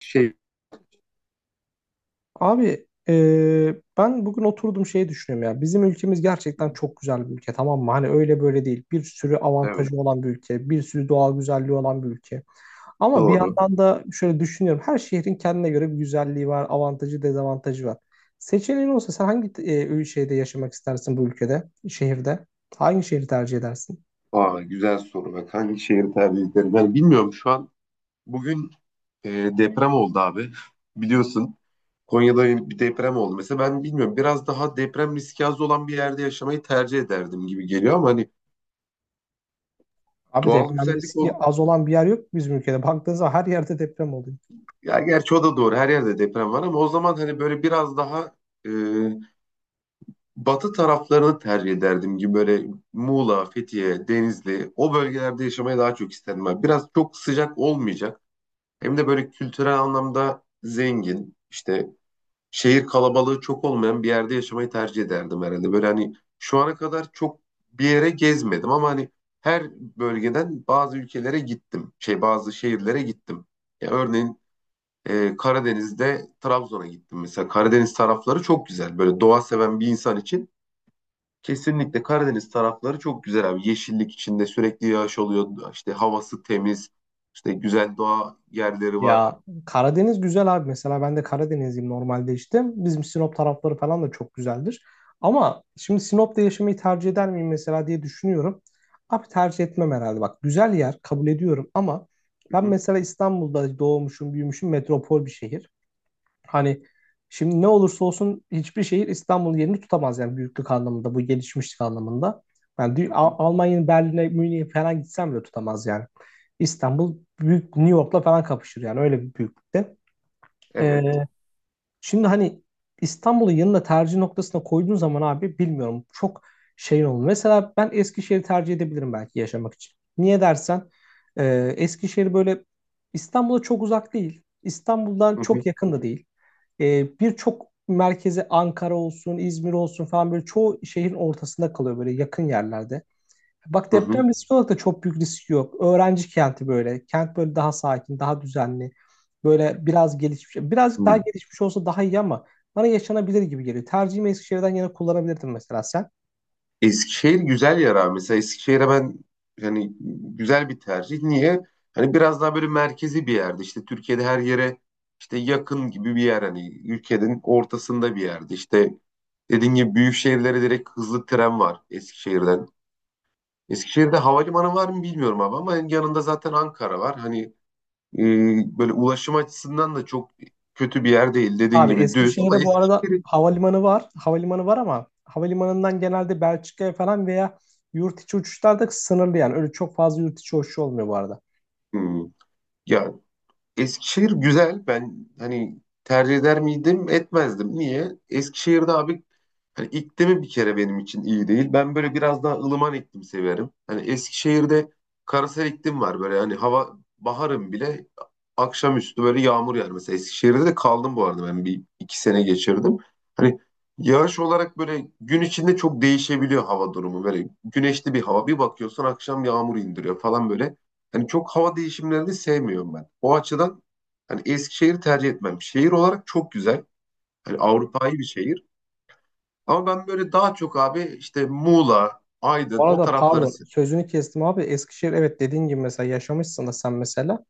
Şey, Abi ben bugün oturdum şeyi düşünüyorum ya. Bizim ülkemiz gerçekten çok güzel bir ülke, tamam mı? Hani öyle böyle değil. Bir sürü evet avantajı olan bir ülke. Bir sürü doğal güzelliği olan bir ülke. Ama bir doğru. yandan da şöyle düşünüyorum. Her şehrin kendine göre bir güzelliği var. Avantajı, dezavantajı var. Seçeneğin olsa sen hangi şeyde yaşamak istersin bu ülkede? Şehirde? Hangi şehri tercih edersin? Aa, güzel soru. Bak hangi şehir tercih ederim? Yani bilmiyorum şu an. Bugün e, deprem oldu abi. Biliyorsun Konya'da yeni bir deprem oldu. Mesela ben bilmiyorum biraz daha deprem riski az olan bir yerde yaşamayı tercih ederdim gibi geliyor ama hani Abi doğal deprem güzellik riski ol. az olan bir yer yok bizim ülkede. Baktığınız zaman her yerde deprem oluyor. Ya gerçi o da doğru. Her yerde deprem var ama o zaman hani böyle biraz daha e, batı taraflarını tercih ederdim gibi böyle Muğla, Fethiye, Denizli o bölgelerde yaşamayı daha çok isterdim. Abi. Biraz çok sıcak olmayacak. Hem de böyle kültürel anlamda zengin, işte şehir kalabalığı çok olmayan bir yerde yaşamayı tercih ederdim herhalde. Böyle hani şu ana kadar çok bir yere gezmedim ama hani her bölgeden bazı ülkelere gittim. Şey bazı şehirlere gittim. Ya örneğin Karadeniz'de Trabzon'a gittim mesela. Karadeniz tarafları çok güzel. Böyle doğa seven bir insan için kesinlikle Karadeniz tarafları çok güzel abi. Yeşillik içinde sürekli yağış oluyor. İşte havası temiz. İşte güzel doğa yerleri var. Ya, Karadeniz güzel abi. Mesela ben de Karadenizliyim normalde işte. Bizim Sinop tarafları falan da çok güzeldir. Ama şimdi Sinop'ta yaşamayı tercih eder miyim mesela diye düşünüyorum. Abi tercih etmem herhalde. Bak, güzel yer kabul ediyorum ama Hı ben hı, mesela İstanbul'da doğmuşum, büyümüşüm, metropol bir şehir. Hani şimdi ne olursa olsun hiçbir şehir İstanbul'un yerini tutamaz yani, büyüklük anlamında, bu gelişmişlik anlamında. Yani hı hı. Almanya'nın Berlin'e, Münih'e falan gitsem bile tutamaz yani. İstanbul büyük, New York'la falan kapışır yani, öyle bir büyüklükte. Ee, Evet. Şimdi hani İstanbul'u yanına tercih noktasına koyduğun zaman abi bilmiyorum, çok şeyin olur. Mesela ben Eskişehir'i tercih edebilirim belki yaşamak için. Niye dersen, e, Eskişehir böyle İstanbul'a çok uzak değil. İstanbul'dan Hı çok hı. yakın da değil. E, birçok merkezi Ankara olsun, İzmir olsun falan, böyle çoğu şehrin ortasında kalıyor böyle, yakın yerlerde. Bak, Hı hı. deprem riski olarak da çok büyük risk yok. Öğrenci kenti böyle. Kent böyle daha sakin, daha düzenli. Böyle biraz gelişmiş. Birazcık daha Hı. gelişmiş olsa daha iyi ama bana yaşanabilir gibi geliyor. Tercihimi Eskişehir'den yana kullanabilirdim mesela sen. Eskişehir güzel yer abi. Mesela Eskişehir'e ben hani güzel bir tercih. Niye? Hani biraz daha böyle merkezi bir yerde. İşte Türkiye'de her yere işte yakın gibi bir yer. Hani ülkenin ortasında bir yerde. İşte dediğim gibi büyük şehirlere direkt hızlı tren var Eskişehir'den. Eskişehir'de havalimanı var mı bilmiyorum abi ama yanında zaten Ankara var. Hani e, böyle ulaşım açısından da çok kötü bir yer değil. Dediğin Abi gibi düz ama Eskişehir'e bu arada Eskişehir. havalimanı var. Havalimanı var ama havalimanından genelde Belçika'ya falan veya yurt içi uçuşlar da sınırlı yani. Öyle çok fazla yurt içi uçuşu olmuyor bu arada. Hmm. Ya Eskişehir güzel. Ben hani tercih eder miydim? Etmezdim. Niye? Eskişehir'de abi. Hani iklimi bir kere benim için iyi değil. Ben böyle biraz daha ılıman iklim severim. Hani Eskişehir'de karasal iklim var böyle hani hava baharın bile akşamüstü böyle yağmur yağar. Mesela Eskişehir'de de kaldım bu arada ben bir iki sene geçirdim. Hani yağış olarak böyle gün içinde çok değişebiliyor hava durumu. Böyle güneşli bir hava bir bakıyorsun akşam yağmur indiriyor falan böyle. Hani çok hava değişimlerini sevmiyorum ben. O açıdan hani Eskişehir'i tercih etmem. Şehir olarak çok güzel. Hani Avrupa'yı bir şehir. Ama ben böyle daha çok abi işte Muğla, Aydın Bu o arada tarafları pardon se- sözünü kestim abi. Eskişehir, evet, dediğin gibi mesela yaşamışsın da sen mesela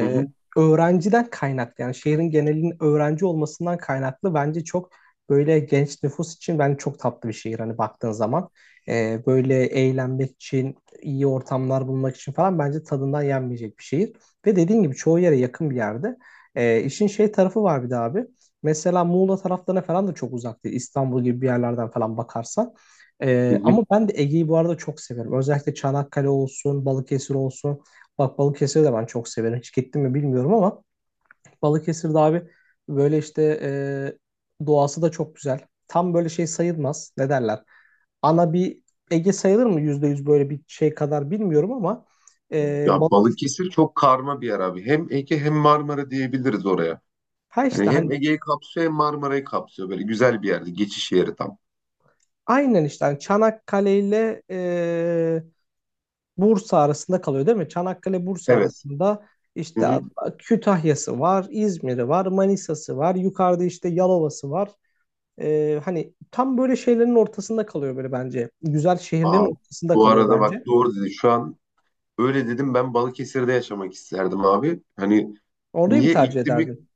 Hı hı, öğrenciden kaynaklı, yani şehrin genelinin öğrenci olmasından kaynaklı bence çok böyle genç nüfus için bence çok tatlı bir şehir hani, baktığın zaman. E, böyle eğlenmek için, iyi ortamlar bulmak için falan bence tadından yenmeyecek bir şehir. Ve dediğin gibi çoğu yere yakın bir yerde. E, işin şey tarafı var bir de abi. Mesela Muğla taraflarına falan da çok uzak değil. İstanbul gibi bir yerlerden falan bakarsan. hı E, hı. ama ben de Ege'yi bu arada çok severim. Özellikle Çanakkale olsun, Balıkesir olsun. Bak Balıkesir'i de ben çok severim. Hiç gittim mi bilmiyorum ama Balıkesir'de abi böyle işte, doğası da çok güzel. Tam böyle şey sayılmaz. Ne derler? Ana bir Ege sayılır mı? Yüzde yüz böyle bir şey kadar bilmiyorum ama Ya Balıkesir, Balıkesir çok karma bir yer abi. Hem Ege hem Marmara diyebiliriz oraya. ha işte Yani hem hani Ege'yi kapsıyor hem Marmara'yı kapsıyor. Böyle güzel bir yerde. Geçiş yeri tam. aynen, işte hani Çanakkale ile Bursa arasında kalıyor değil mi? Çanakkale Bursa Evet. arasında Hı işte hı. Kütahya'sı var, İzmir'i var, Manisa'sı var, yukarıda işte Yalova'sı var. Hani tam böyle şeylerin ortasında kalıyor böyle bence. Güzel şehirlerin Aa, ortasında bu kalıyor arada bak bence. doğru dedi. Şu an öyle dedim ben Balıkesir'de yaşamak isterdim abi. Hani Orayı bir niye tercih iklimi. ederdim.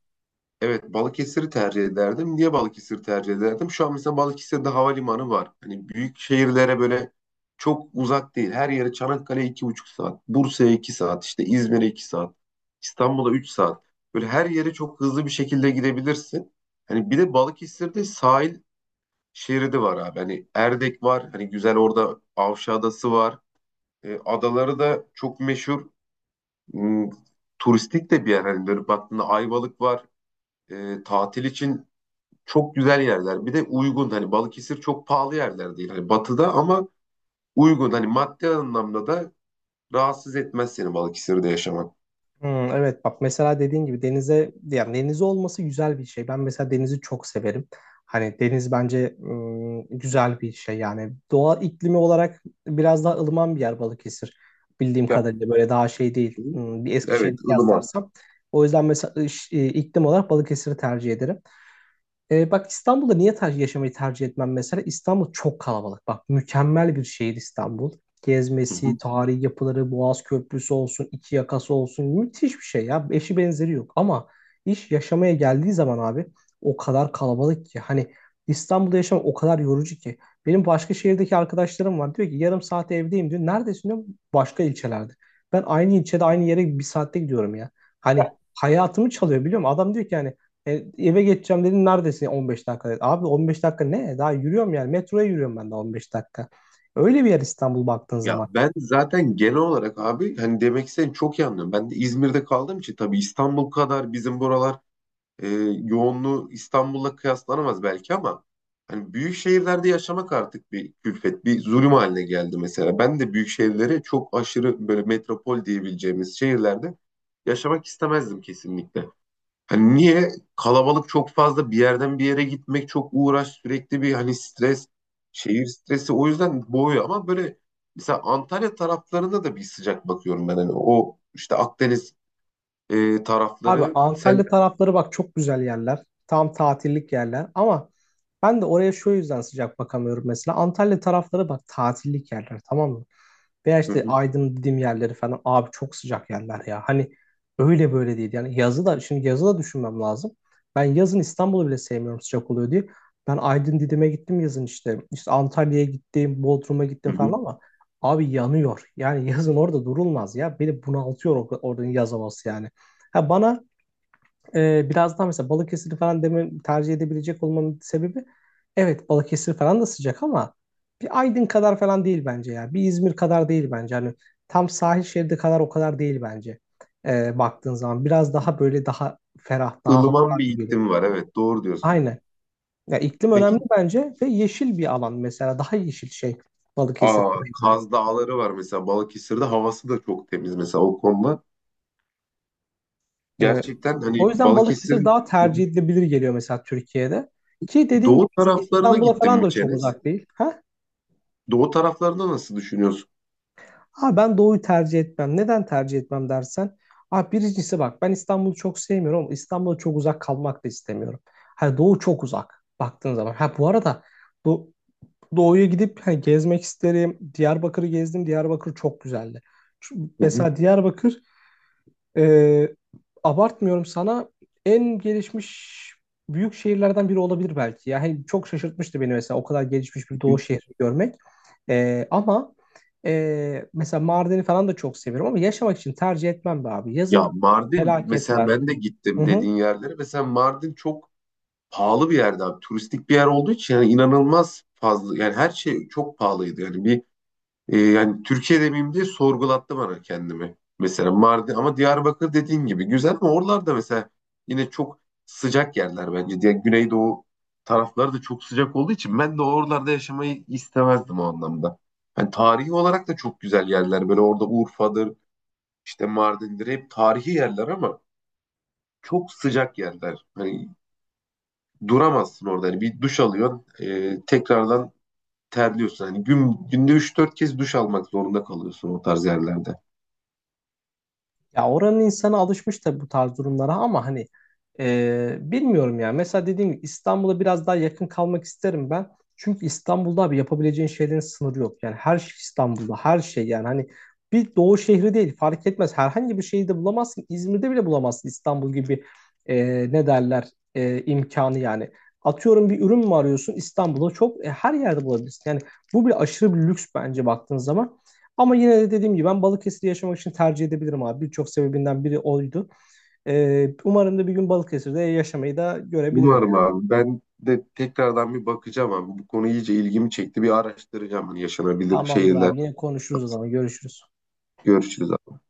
Evet, Balıkesir'i tercih ederdim. Niye Balıkesir'i tercih ederdim? Şu an mesela Balıkesir'de havalimanı var. Hani büyük şehirlere böyle çok uzak değil. Her yere Çanakkale 2,5 saat, Bursa'ya 2 saat, işte İzmir'e 2 saat, İstanbul'a 3 saat. Böyle her yere çok hızlı bir şekilde gidebilirsin. Hani bir de Balıkesir'de sahil şeridi var abi. Hani Erdek var. Hani güzel orada Avşa Adası var. Adaları da çok meşhur. Hmm, Turistik de bir yer. Hani böyle baktığında Ayvalık var. Tatil için çok güzel yerler. Bir de uygun hani Balıkesir çok pahalı yerler değil. Hani batıda ama uygun hani maddi anlamda da rahatsız etmez seni Balıkesir'de yaşamak. Hmm, evet, bak mesela dediğin gibi denize, yani denize olması güzel bir şey. Ben mesela denizi çok severim. Hani deniz bence, hmm, güzel bir şey yani. Doğa iklimi olarak biraz daha ılıman bir yer Balıkesir. Bildiğim Ya, kadarıyla böyle daha şey değil. Hmm, bir Eskişehir'i evet ılıman. kıyaslarsam. O yüzden mesela iklim olarak Balıkesir'i tercih ederim. E, bak İstanbul'da niye yaşamayı tercih etmem mesela? İstanbul çok kalabalık. Bak, mükemmel bir şehir İstanbul. Hı Gezmesi, hı. tarihi yapıları, Boğaz Köprüsü olsun, iki yakası olsun, müthiş bir şey ya. Eşi benzeri yok. Ama iş yaşamaya geldiği zaman abi, o kadar kalabalık ki. Hani İstanbul'da yaşamak o kadar yorucu ki. Benim başka şehirdeki arkadaşlarım var. Diyor ki yarım saat evdeyim diyor. Neredesin diyor. Başka ilçelerde. Ben aynı ilçede aynı yere bir saatte gidiyorum ya. Hani hayatımı çalıyor, biliyor musun? Adam diyor ki yani. E, eve geçeceğim dedin, neredesin, 15 dakika dedi. Abi 15 dakika ne? Daha yürüyorum yani, metroya yürüyorum ben de 15 dakika. Öyle bir yer İstanbul baktığın Ya zaman. ben zaten genel olarak abi hani demek istediğini çok iyi anlıyorum. Ben de İzmir'de kaldığım için tabii İstanbul kadar bizim buralar e, yoğunluğu İstanbul'la kıyaslanamaz belki ama hani büyük şehirlerde yaşamak artık bir külfet, bir zulüm haline geldi mesela. Ben de büyük şehirleri çok aşırı böyle metropol diyebileceğimiz şehirlerde yaşamak istemezdim kesinlikle. Hani niye? Kalabalık çok fazla bir yerden bir yere gitmek çok uğraş sürekli bir hani stres, şehir stresi o yüzden boğuyor ama böyle mesela Antalya taraflarına da bir sıcak bakıyorum ben hani o işte Akdeniz Abi tarafları Antalya sen tarafları bak çok güzel yerler. Tam tatillik yerler ama ben de oraya şu yüzden sıcak bakamıyorum mesela. Antalya tarafları bak tatillik yerler, tamam mı? Veya Hı işte hı, Aydın dediğim yerleri falan abi, çok sıcak yerler ya. Hani öyle böyle değil. Yani yazı da, şimdi yazı da düşünmem lazım. Ben yazın İstanbul'u bile sevmiyorum sıcak oluyor diye. Ben Aydın Didim'e gittim yazın işte. İşte Antalya'ya gittim, Bodrum'a gittim hı falan hı. ama abi yanıyor. Yani yazın orada durulmaz ya. Beni bunaltıyor oranın yaz havası yani. Ha, bana biraz daha mesela Balıkesir falan demin tercih edebilecek olmamın sebebi, evet Balıkesir falan da sıcak ama bir Aydın kadar falan değil bence ya. Bir İzmir kadar değil bence. Hani tam sahil şeridi kadar o kadar değil bence. E, baktığın zaman biraz daha böyle daha ferah, daha hafif ılıman bir gibi geliyor. iklim var. Evet, doğru diyorsun. Aynen. Ya iklim önemli Peki, bence ve yeşil bir alan, mesela daha yeşil şey Balıkesir. aa, Kaz Dağları var mesela Balıkesir'de havası da çok temiz mesela o konuda. E, Gerçekten hani o yüzden Balıkesir Balıkesir'in. daha Hı tercih edilebilir geliyor mesela Türkiye'de. hı. Ki dediğin Doğu gibi taraflarına İstanbul'a gittim falan mi da çok Çenes? uzak değil. Ha? Doğu taraflarında nasıl düşünüyorsun? Abi ben doğuyu tercih etmem. Neden tercih etmem dersen, ah birincisi bak ben İstanbul'u çok sevmiyorum ama İstanbul'a çok uzak kalmak da istemiyorum. Ha, doğu çok uzak baktığın zaman. Ha bu arada do doğuya gidip hani gezmek isterim. Diyarbakır'ı gezdim. Diyarbakır çok güzeldi. Hı, Mesela Diyarbakır ee, abartmıyorum sana, en gelişmiş büyük şehirlerden biri olabilir belki. Yani çok şaşırtmıştı beni mesela o kadar gelişmiş bir hı doğu hı. şehri görmek. Ama mesela Mardin'i falan da çok seviyorum ama yaşamak için tercih etmem be abi. Yazın Ya Mardin mesela felaketler. ben de Hı gittim hı. dediğin yerlere. Mesela Mardin çok pahalı bir yerde abi. Turistik bir yer olduğu için yani inanılmaz fazla yani her şey çok pahalıydı. Yani bir. Yani Türkiye demeyeyim diye sorgulattı bana kendimi. Mesela Mardin ama Diyarbakır dediğin gibi güzel ama oralarda mesela yine çok sıcak yerler bence. Diye Güneydoğu tarafları da çok sıcak olduğu için ben de oralarda yaşamayı istemezdim o anlamda. Yani tarihi olarak da çok güzel yerler. Böyle orada Urfa'dır, işte Mardin'dir hep tarihi yerler ama çok sıcak yerler. Hani duramazsın orada. Hani bir duş alıyorsun, tekrardan terliyorsun. Hani günde 3-4 kez duş almak zorunda kalıyorsun o tarz yerlerde. Ya oranın insanı alışmış tabii bu tarz durumlara ama hani bilmiyorum ya. Mesela dediğim gibi İstanbul'a biraz daha yakın kalmak isterim ben. Çünkü İstanbul'da abi yapabileceğin şeylerin sınırı yok. Yani her şey İstanbul'da, her şey yani, hani bir doğu şehri değil, fark etmez. Herhangi bir şehirde bulamazsın. İzmir'de bile bulamazsın İstanbul gibi, e, ne derler, imkanı yani. Atıyorum bir ürün mü arıyorsun, İstanbul'da çok, her yerde bulabilirsin. Yani bu bile aşırı bir lüks bence baktığın zaman. Ama yine de dediğim gibi ben Balıkesir'i yaşamak için tercih edebilirim abi. Birçok sebebinden biri oydu. Umarım da bir gün Balıkesir'de yaşamayı da görebilirim Umarım yani. abi. Ben de tekrardan bir bakacağım abi. Bu konu iyice ilgimi çekti. Bir araştıracağım hani yaşanabilir Tamamdır şehirler. abi, yine konuşuruz o zaman, görüşürüz. Görüşürüz abi.